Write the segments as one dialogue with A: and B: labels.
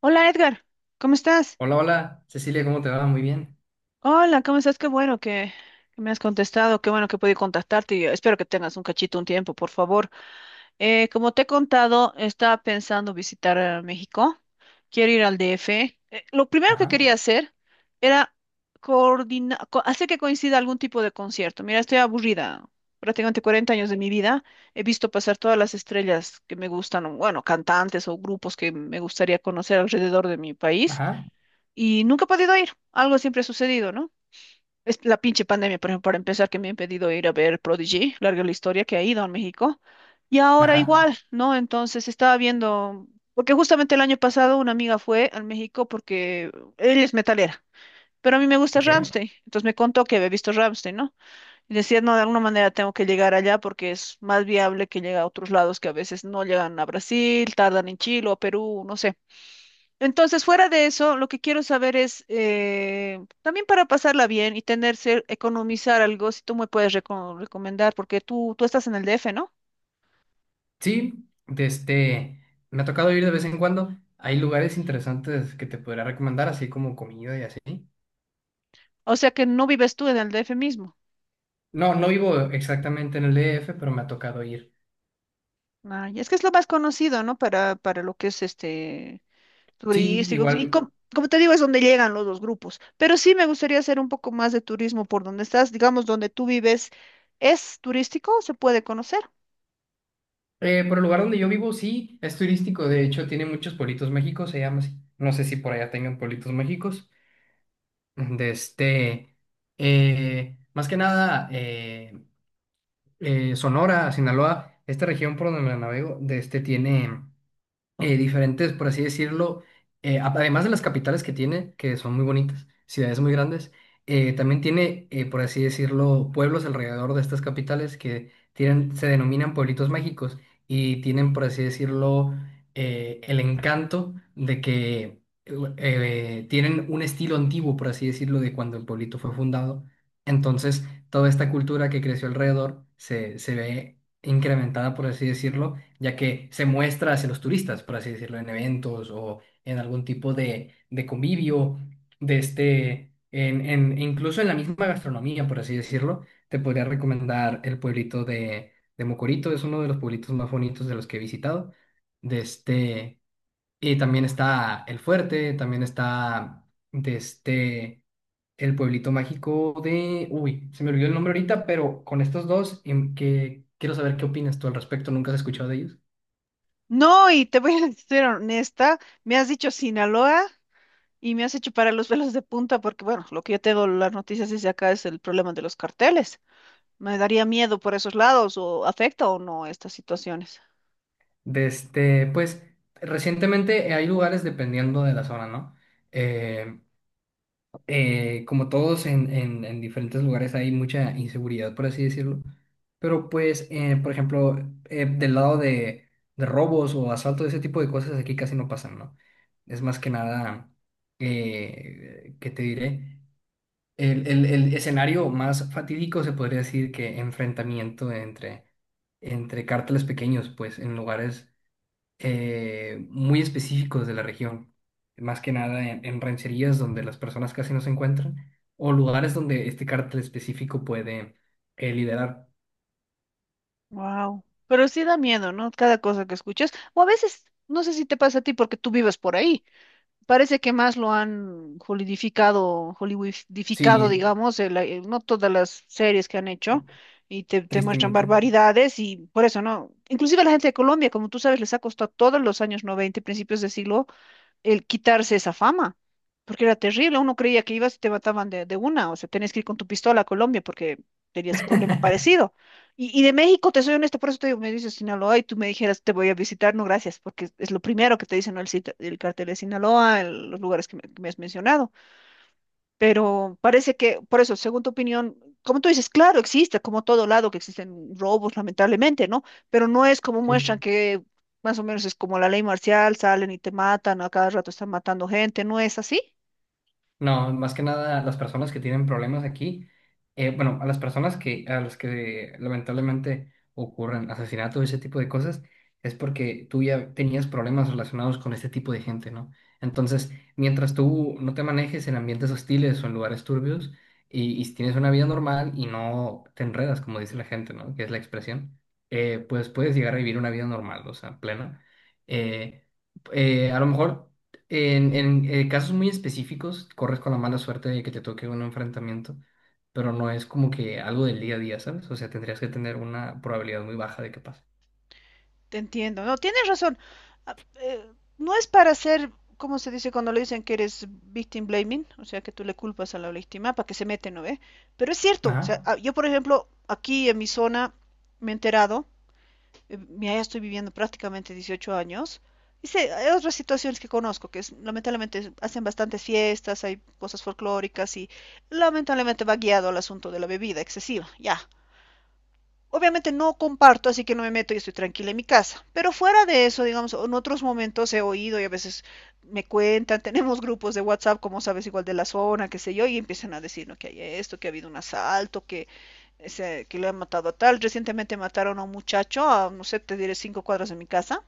A: Hola, Edgar, ¿cómo estás?
B: Hola, hola, Cecilia, ¿cómo te va? Muy bien.
A: Hola, ¿cómo estás? Qué bueno que me has contestado, qué bueno que pude contactarte y espero que tengas un cachito, un tiempo, por favor. Como te he contado, estaba pensando visitar México, quiero ir al DF. Lo primero que
B: Ajá,
A: quería hacer era coordinar, hacer que coincida algún tipo de concierto. Mira, estoy aburrida, prácticamente 40 años de mi vida he visto pasar todas las estrellas que me gustan, o, bueno, cantantes o grupos que me gustaría conocer alrededor de mi país,
B: ajá,
A: y nunca he podido ir. Algo siempre ha sucedido, ¿no? Es la pinche pandemia, por ejemplo, para empezar, que me ha impedido ir a ver Prodigy, larga la historia que ha ido a México. Y ahora
B: ajá,
A: igual, ¿no? Entonces estaba viendo, porque justamente el año pasado una amiga fue al México porque ella es metalera, pero a mí me gusta
B: ok.
A: Ramstein, entonces me contó que había visto Ramstein, ¿no? Y decía, no, de alguna manera tengo que llegar allá porque es más viable que llegue a otros lados que a veces no llegan a Brasil, tardan en Chile o Perú, no sé. Entonces, fuera de eso, lo que quiero saber es, también para pasarla bien y tener, ser- economizar algo, si tú me puedes reco- recomendar, porque tú estás en el DF, ¿no?
B: Sí, me ha tocado ir de vez en cuando. Hay lugares interesantes que te podría recomendar, así como comida y así.
A: O sea que no vives tú en el DF mismo.
B: No, no vivo exactamente en el DF, pero me ha tocado ir.
A: Ay, es que es lo más conocido, ¿no? Para lo que es este
B: Sí,
A: turístico. Y
B: igual,
A: com- como te digo, es donde llegan los dos grupos. Pero sí me gustaría hacer un poco más de turismo por donde estás, digamos, donde tú vives, ¿es turístico? ¿Se puede conocer?
B: por el lugar donde yo vivo, sí, es turístico. De hecho, tiene muchos pueblitos México, se llama así. No sé si por allá tengan pueblitos Méxicos. Desde, Más que nada, Sonora, Sinaloa, esta región por donde me la navego, de este tiene diferentes, por así decirlo, además de las capitales que tiene, que son muy bonitas, ciudades muy grandes, también tiene, por así decirlo, pueblos alrededor de estas capitales que tienen, se denominan pueblitos mágicos y tienen, por así decirlo, el encanto de que tienen un estilo antiguo, por así decirlo, de cuando el pueblito fue fundado. Entonces, toda esta cultura que creció alrededor se ve incrementada, por así decirlo, ya que se muestra hacia los turistas, por así decirlo, en eventos o en algún tipo de convivio, de este, en, incluso en la misma gastronomía, por así decirlo, te podría recomendar el pueblito de Mocorito, es uno de los pueblitos más bonitos de los que he visitado, de este, y también está El Fuerte, también está de este, el pueblito mágico uy, se me olvidó el nombre ahorita, pero con estos dos, que quiero saber qué opinas tú al respecto. ¿Nunca has escuchado de ellos?
A: No, y te voy a ser honesta, me has dicho Sinaloa. Y me hace chupar a los pelos de punta porque, bueno, lo que yo tengo las noticias desde acá es el problema de los carteles. Me daría miedo por esos lados o afecta o no estas situaciones.
B: Pues recientemente, hay lugares dependiendo de la zona, ¿no? Eh, Como todos en diferentes lugares hay mucha inseguridad, por así decirlo. Pero pues, por ejemplo, del lado de, robos o asalto, ese tipo de cosas aquí casi no pasan, ¿no? Es más que nada, ¿qué te diré? El escenario más fatídico se podría decir que enfrentamiento entre, cárteles pequeños, pues en lugares muy específicos de la región, más que nada en rancherías donde las personas casi no se encuentran, o lugares donde este cártel específico puede liderar.
A: Wow. Pero sí da miedo, ¿no? Cada cosa que escuchas. O a veces, no sé si te pasa a ti porque tú vives por ahí. Parece que más lo han holidificado, hollywoodificado,
B: Sí,
A: digamos, el- no todas las series que han hecho y te muestran
B: tristemente.
A: barbaridades y por eso, ¿no? Inclusive la gente de Colombia, como tú sabes, les ha costado todos los años 90 y principios de siglo el quitarse esa fama, porque era terrible, uno creía que ibas y te mataban de una, o sea, tenías que ir con tu pistola a Colombia porque tenías ese problema parecido. Y de México, te soy honesta, por eso te digo, me dices Sinaloa y tú me dijeras, te voy a visitar, no gracias, porque es lo primero que te dicen, ¿no? El, cita- el cartel de Sinaloa, el- los lugares que me has mencionado. Pero parece que, por eso, según tu opinión, como tú dices, claro, existe, como todo lado que existen robos, lamentablemente, ¿no? Pero no es como muestran
B: Sí.
A: que más o menos es como la ley marcial, salen y te matan, a cada rato están matando gente, ¿no es así?
B: No, más que nada a las personas que tienen problemas aquí, bueno, a las personas que, a las que lamentablemente ocurren asesinatos y ese tipo de cosas, es porque tú ya tenías problemas relacionados con este tipo de gente, ¿no? Entonces, mientras tú no te manejes en ambientes hostiles o en lugares turbios y si tienes una vida normal y no te enredas, como dice la gente, ¿no? Que es la expresión, pues puedes llegar a vivir una vida normal, o sea, plena. Eh, a lo mejor casos muy específicos, corres con la mala suerte de que te toque un enfrentamiento, pero no es como que algo del día a día, ¿sabes? O sea, tendrías que tener una probabilidad muy baja de que pase.
A: Te entiendo, no, tienes razón. Ah, eh, no es para ser, ¿cómo se dice cuando le dicen que eres victim blaming? O sea, que tú le culpas a la víctima para que se mete, ¿no ve? Pero es cierto, o
B: Ajá.
A: sea, ah, yo por ejemplo, aquí en mi zona me he enterado, mira, ya estoy viviendo prácticamente 18 años. Y sé, hay otras situaciones que conozco, que es- lamentablemente hacen bastantes fiestas, hay cosas folclóricas y lamentablemente va guiado al asunto de la bebida excesiva, ya. Obviamente no comparto, así que no me meto y estoy tranquila en mi casa. Pero fuera de eso, digamos, en otros momentos he oído y a veces me cuentan, tenemos grupos de WhatsApp, como sabes, igual de la zona, qué sé yo, y empiezan a decir, no, que hay esto, que ha habido un asalto, que, ese- que le han matado a tal. Recientemente mataron a un muchacho, a, no sé, te diré 5 cuadras de mi casa.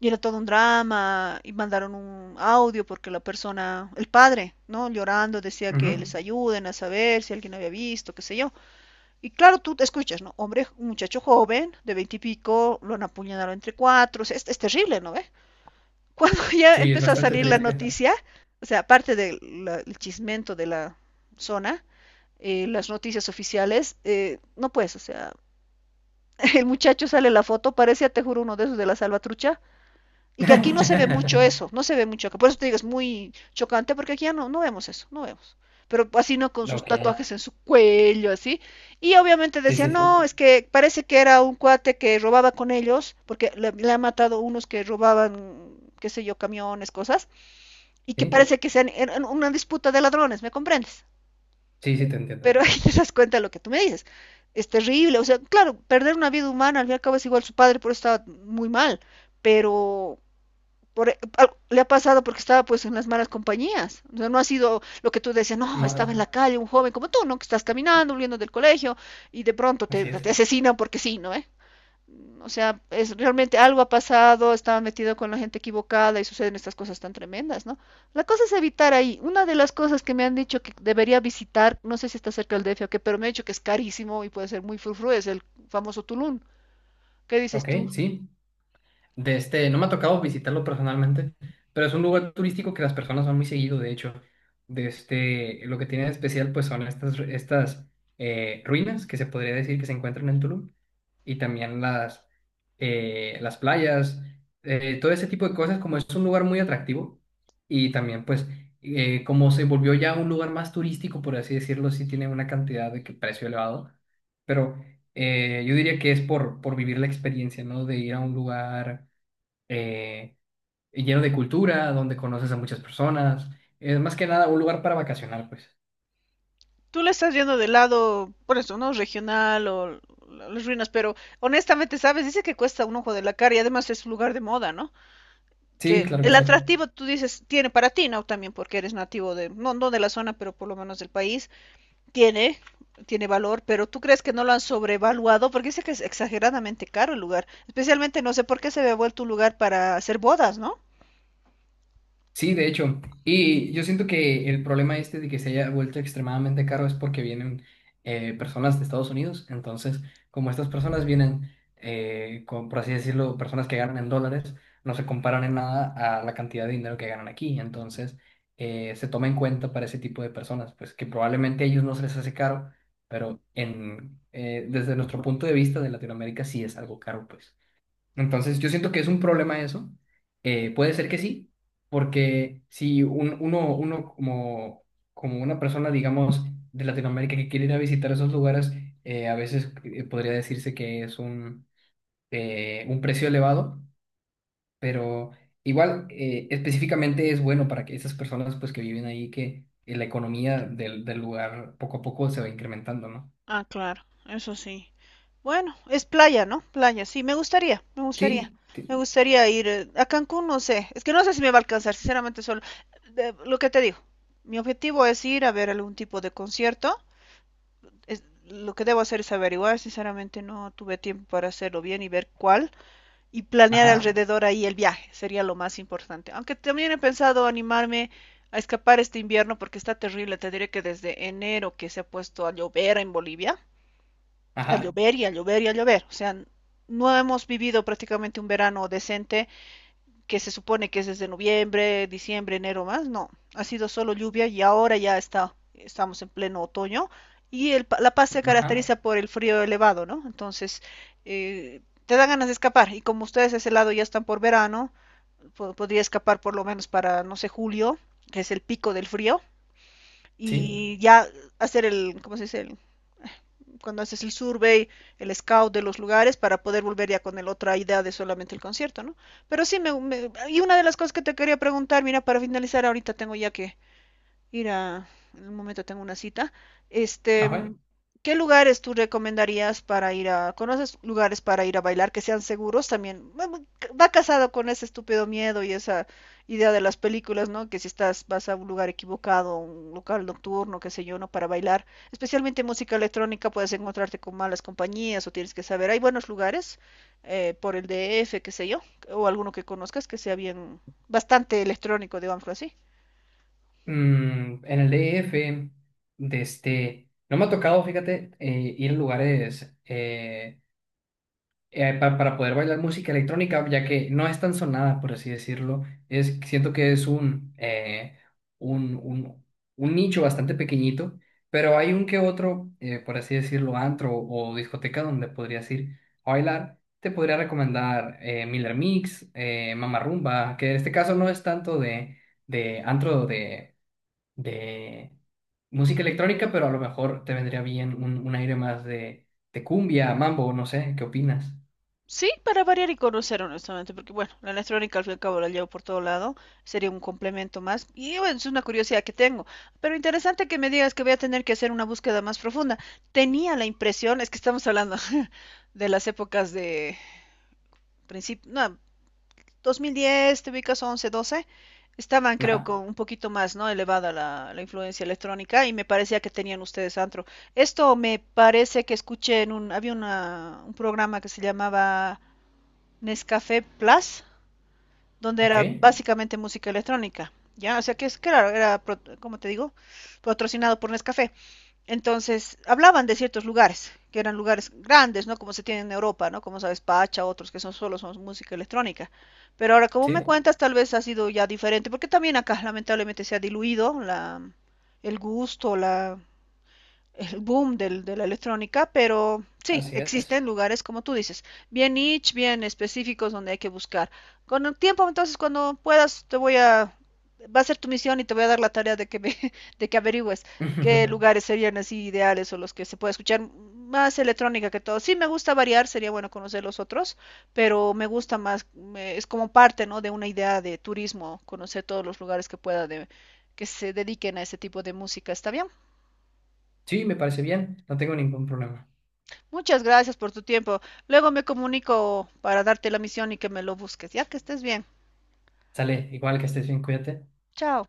A: Y era todo un drama, y mandaron un audio porque la persona, el padre, ¿no? Llorando, decía
B: Ujú.
A: que les ayuden a saber si alguien había visto, qué sé yo. Y claro, tú te escuchas, ¿no? Hombre, un muchacho joven, de veintipico, lo han apuñalado entre cuatro, o sea, es terrible, ¿no ve? ¿Eh? Cuando ya
B: Sí, es
A: empezó a
B: bastante
A: salir la
B: triste.
A: noticia, o sea, aparte del el chismento de la zona, las noticias oficiales, no pues, o sea, el muchacho sale la foto, parecía, te juro, uno de esos de la salvatrucha, y que aquí no se ve mucho eso, no se ve mucho acá. Por eso te digo, es muy chocante porque aquí ya no, no vemos eso, no vemos. Pero así no con sus
B: Ok.
A: tatuajes en su cuello, así. Y obviamente
B: Sí,
A: decía,
B: sí, sí.
A: no, es que parece que era un cuate que robaba con ellos, porque le han matado unos que robaban, qué sé yo, camiones, cosas, y que
B: Sí,
A: parece que sean eran una disputa de ladrones, ¿me comprendes?
B: sí, sí, te entiendo.
A: Pero ahí te das cuenta de lo que tú me dices. Es terrible, o sea, claro, perder una vida humana, al fin y al cabo es igual su padre, por eso estaba muy mal, pero por, e, al- le ha pasado porque estaba pues en las malas compañías. O sea, no ha sido lo que tú decías, no, estaba en
B: No,
A: la calle un joven como tú, ¿no? Que estás caminando, huyendo del colegio y de pronto te,
B: así es.
A: te asesinan porque sí, ¿no? ¿Eh? O sea, es realmente algo ha pasado, estaba metido con la gente equivocada y suceden estas cosas tan tremendas, ¿no? La cosa es evitar ahí. Una de las cosas que me han dicho que debería visitar, no sé si está cerca del DF o qué, pero me han dicho que es carísimo y puede ser muy frufru, es el famoso Tulum. ¿Qué dices
B: Ok,
A: tú?
B: sí. No me ha tocado visitarlo personalmente, pero es un lugar turístico que las personas van muy seguido, de hecho. Lo que tiene de especial, pues son estas ruinas que se podría decir que se encuentran en Tulum y también las playas, todo ese tipo de cosas, como es un lugar muy atractivo y también pues como se volvió ya un lugar más turístico, por así decirlo, sí tiene una cantidad de que precio elevado, pero yo diría que es por vivir la experiencia, ¿no? De ir a un lugar eh, lleno de cultura, donde conoces a muchas personas. Es más que nada un lugar para vacacionar, pues.
A: Tú le estás yendo del lado, por eso, ¿no? Regional o la- las ruinas, pero honestamente, ¿sabes? Dice que cuesta un ojo de la cara y además es un lugar de moda, ¿no?
B: Sí,
A: Que
B: claro que
A: el
B: sí.
A: atractivo, tú dices, tiene para ti, ¿no? También porque eres nativo de, no, no de la zona, pero por lo menos del país, tiene, tiene valor, pero ¿tú crees que no lo han sobrevaluado? Porque dice que es exageradamente caro el lugar, especialmente no sé por qué se había vuelto un lugar para hacer bodas, ¿no?
B: Sí, de hecho. Y yo siento que el problema este de que se haya vuelto extremadamente caro es porque vienen personas de Estados Unidos. Entonces, como estas personas vienen, con, por así decirlo, personas que ganan en dólares, no se comparan en nada a la cantidad de dinero que ganan aquí. Entonces, se toma en cuenta para ese tipo de personas, pues que probablemente a ellos no se les hace caro, pero desde nuestro punto de vista de Latinoamérica sí es algo caro, pues. Entonces, yo siento que es un problema eso. Puede ser que sí, porque si uno como, una persona, digamos, de Latinoamérica que quiere ir a visitar esos lugares, a veces podría decirse que es un precio elevado, pero igual específicamente es bueno para que esas personas pues, que viven ahí, que la economía del lugar poco a poco se va incrementando, ¿no?
A: Ah, claro, eso sí. Bueno, es playa, ¿no? Playa, sí, me gustaría, me gustaría.
B: Sí, sí,
A: Me gustaría ir a Cancún, no sé. Es que no sé si me va a alcanzar, sinceramente, solo. De- lo que te digo, mi objetivo es ir a ver algún tipo de concierto. Es, lo que debo hacer es averiguar, sinceramente, no tuve tiempo para hacerlo bien y ver cuál. Y planear Claro.
B: ajá,
A: alrededor ahí el viaje, sería lo más importante. Aunque también he pensado animarme a escapar este invierno porque está terrible. Te diré que desde enero que se ha puesto a llover en Bolivia a
B: ajá,
A: llover y a llover y a llover. O sea, no hemos vivido prácticamente un verano decente que se supone que es desde noviembre, diciembre, enero más. No, ha sido solo lluvia y ahora ya está, estamos en pleno otoño. Y el, La Paz se
B: ajá,
A: caracteriza por el frío elevado, ¿no? Entonces, te dan ganas de escapar. Y como ustedes a ese lado ya están por verano, po podría escapar por lo menos para, no sé, julio, que es el pico del frío.
B: sí,
A: Y ya hacer el, ¿cómo se dice? El, cuando haces el survey, el scout de los lugares para poder volver ya con el otra idea de solamente el concierto, ¿no? Pero sí, me- y una de las cosas que te quería preguntar, mira, para finalizar ahorita tengo ya que ir a, en un momento tengo una cita. Este,
B: ajá.
A: ¿qué lugares tú recomendarías para ir a, conoces lugares para ir a bailar que sean seguros también? Va va- va casado con ese estúpido miedo y esa idea de las películas, ¿no? Que si estás, vas a un lugar equivocado, un local nocturno, qué sé yo, ¿no? Para bailar, especialmente música electrónica, puedes encontrarte con malas compañías o tienes que saber, hay buenos lugares, por el DF, qué sé yo, o alguno que conozcas que sea bien, bastante electrónico, digámoslo así.
B: En el D DF, no me ha tocado, fíjate, ir a lugares para poder bailar música electrónica, ya que no es tan sonada, por así decirlo. Siento que es un, un, un nicho bastante pequeñito, pero hay un que otro, por así decirlo, antro o discoteca donde podrías ir a bailar. Te podría recomendar Miller Mix, Mama Rumba, que en este caso no es tanto de antro de música electrónica, pero a lo mejor te vendría bien un aire más de cumbia, mambo, no sé, ¿qué opinas?
A: Sí, para variar y conocer honestamente, porque bueno, la electrónica al fin y al cabo la llevo por todo lado, sería un complemento más, y bueno, es una curiosidad que tengo, pero interesante que me digas que voy a tener que hacer una búsqueda más profunda. Tenía la impresión, es que estamos hablando de las épocas de principio, no, 2010, te ubicas 11, 12, estaban creo
B: Ajá,
A: con un poquito más, ¿no? Elevada la, la influencia electrónica y me parecía que tenían ustedes antro. Esto me parece que escuché en un, había una, un programa que se llamaba... Nescafé Plus, donde
B: ok,
A: era básicamente música electrónica. Ya, o sea que es claro, era, pro- como te digo, patrocinado por Nescafé. Entonces, hablaban de ciertos lugares, que eran lugares grandes, ¿no? Como se tiene en Europa, ¿no? Como sabes, Pacha, otros que son solo son música electrónica. Pero ahora, como me
B: sí,
A: cuentas, tal vez ha sido ya diferente, porque también acá lamentablemente se ha diluido la, el gusto, la, el boom del- de la electrónica, pero sí,
B: así es.
A: existen lugares, como tú dices, bien niche, bien específicos donde hay que buscar. Con el tiempo, entonces, cuando puedas, te voy a, va a ser tu misión y te voy a dar la tarea de que me- de que averigües qué lugares serían así ideales o los que se puede escuchar más electrónica que todo. Sí, me gusta variar, sería bueno conocer los otros, pero me gusta más, me- es como parte, ¿no? de una idea de turismo, conocer todos los lugares que pueda de, que se dediquen a ese tipo de música. ¿Está bien?
B: Sí, me parece bien, no tengo ningún problema.
A: Muchas gracias por tu tiempo. Luego me comunico para darte la misión y que me lo busques, ya que estés bien.
B: Sale, igual que estés bien, cuídate.
A: Chao.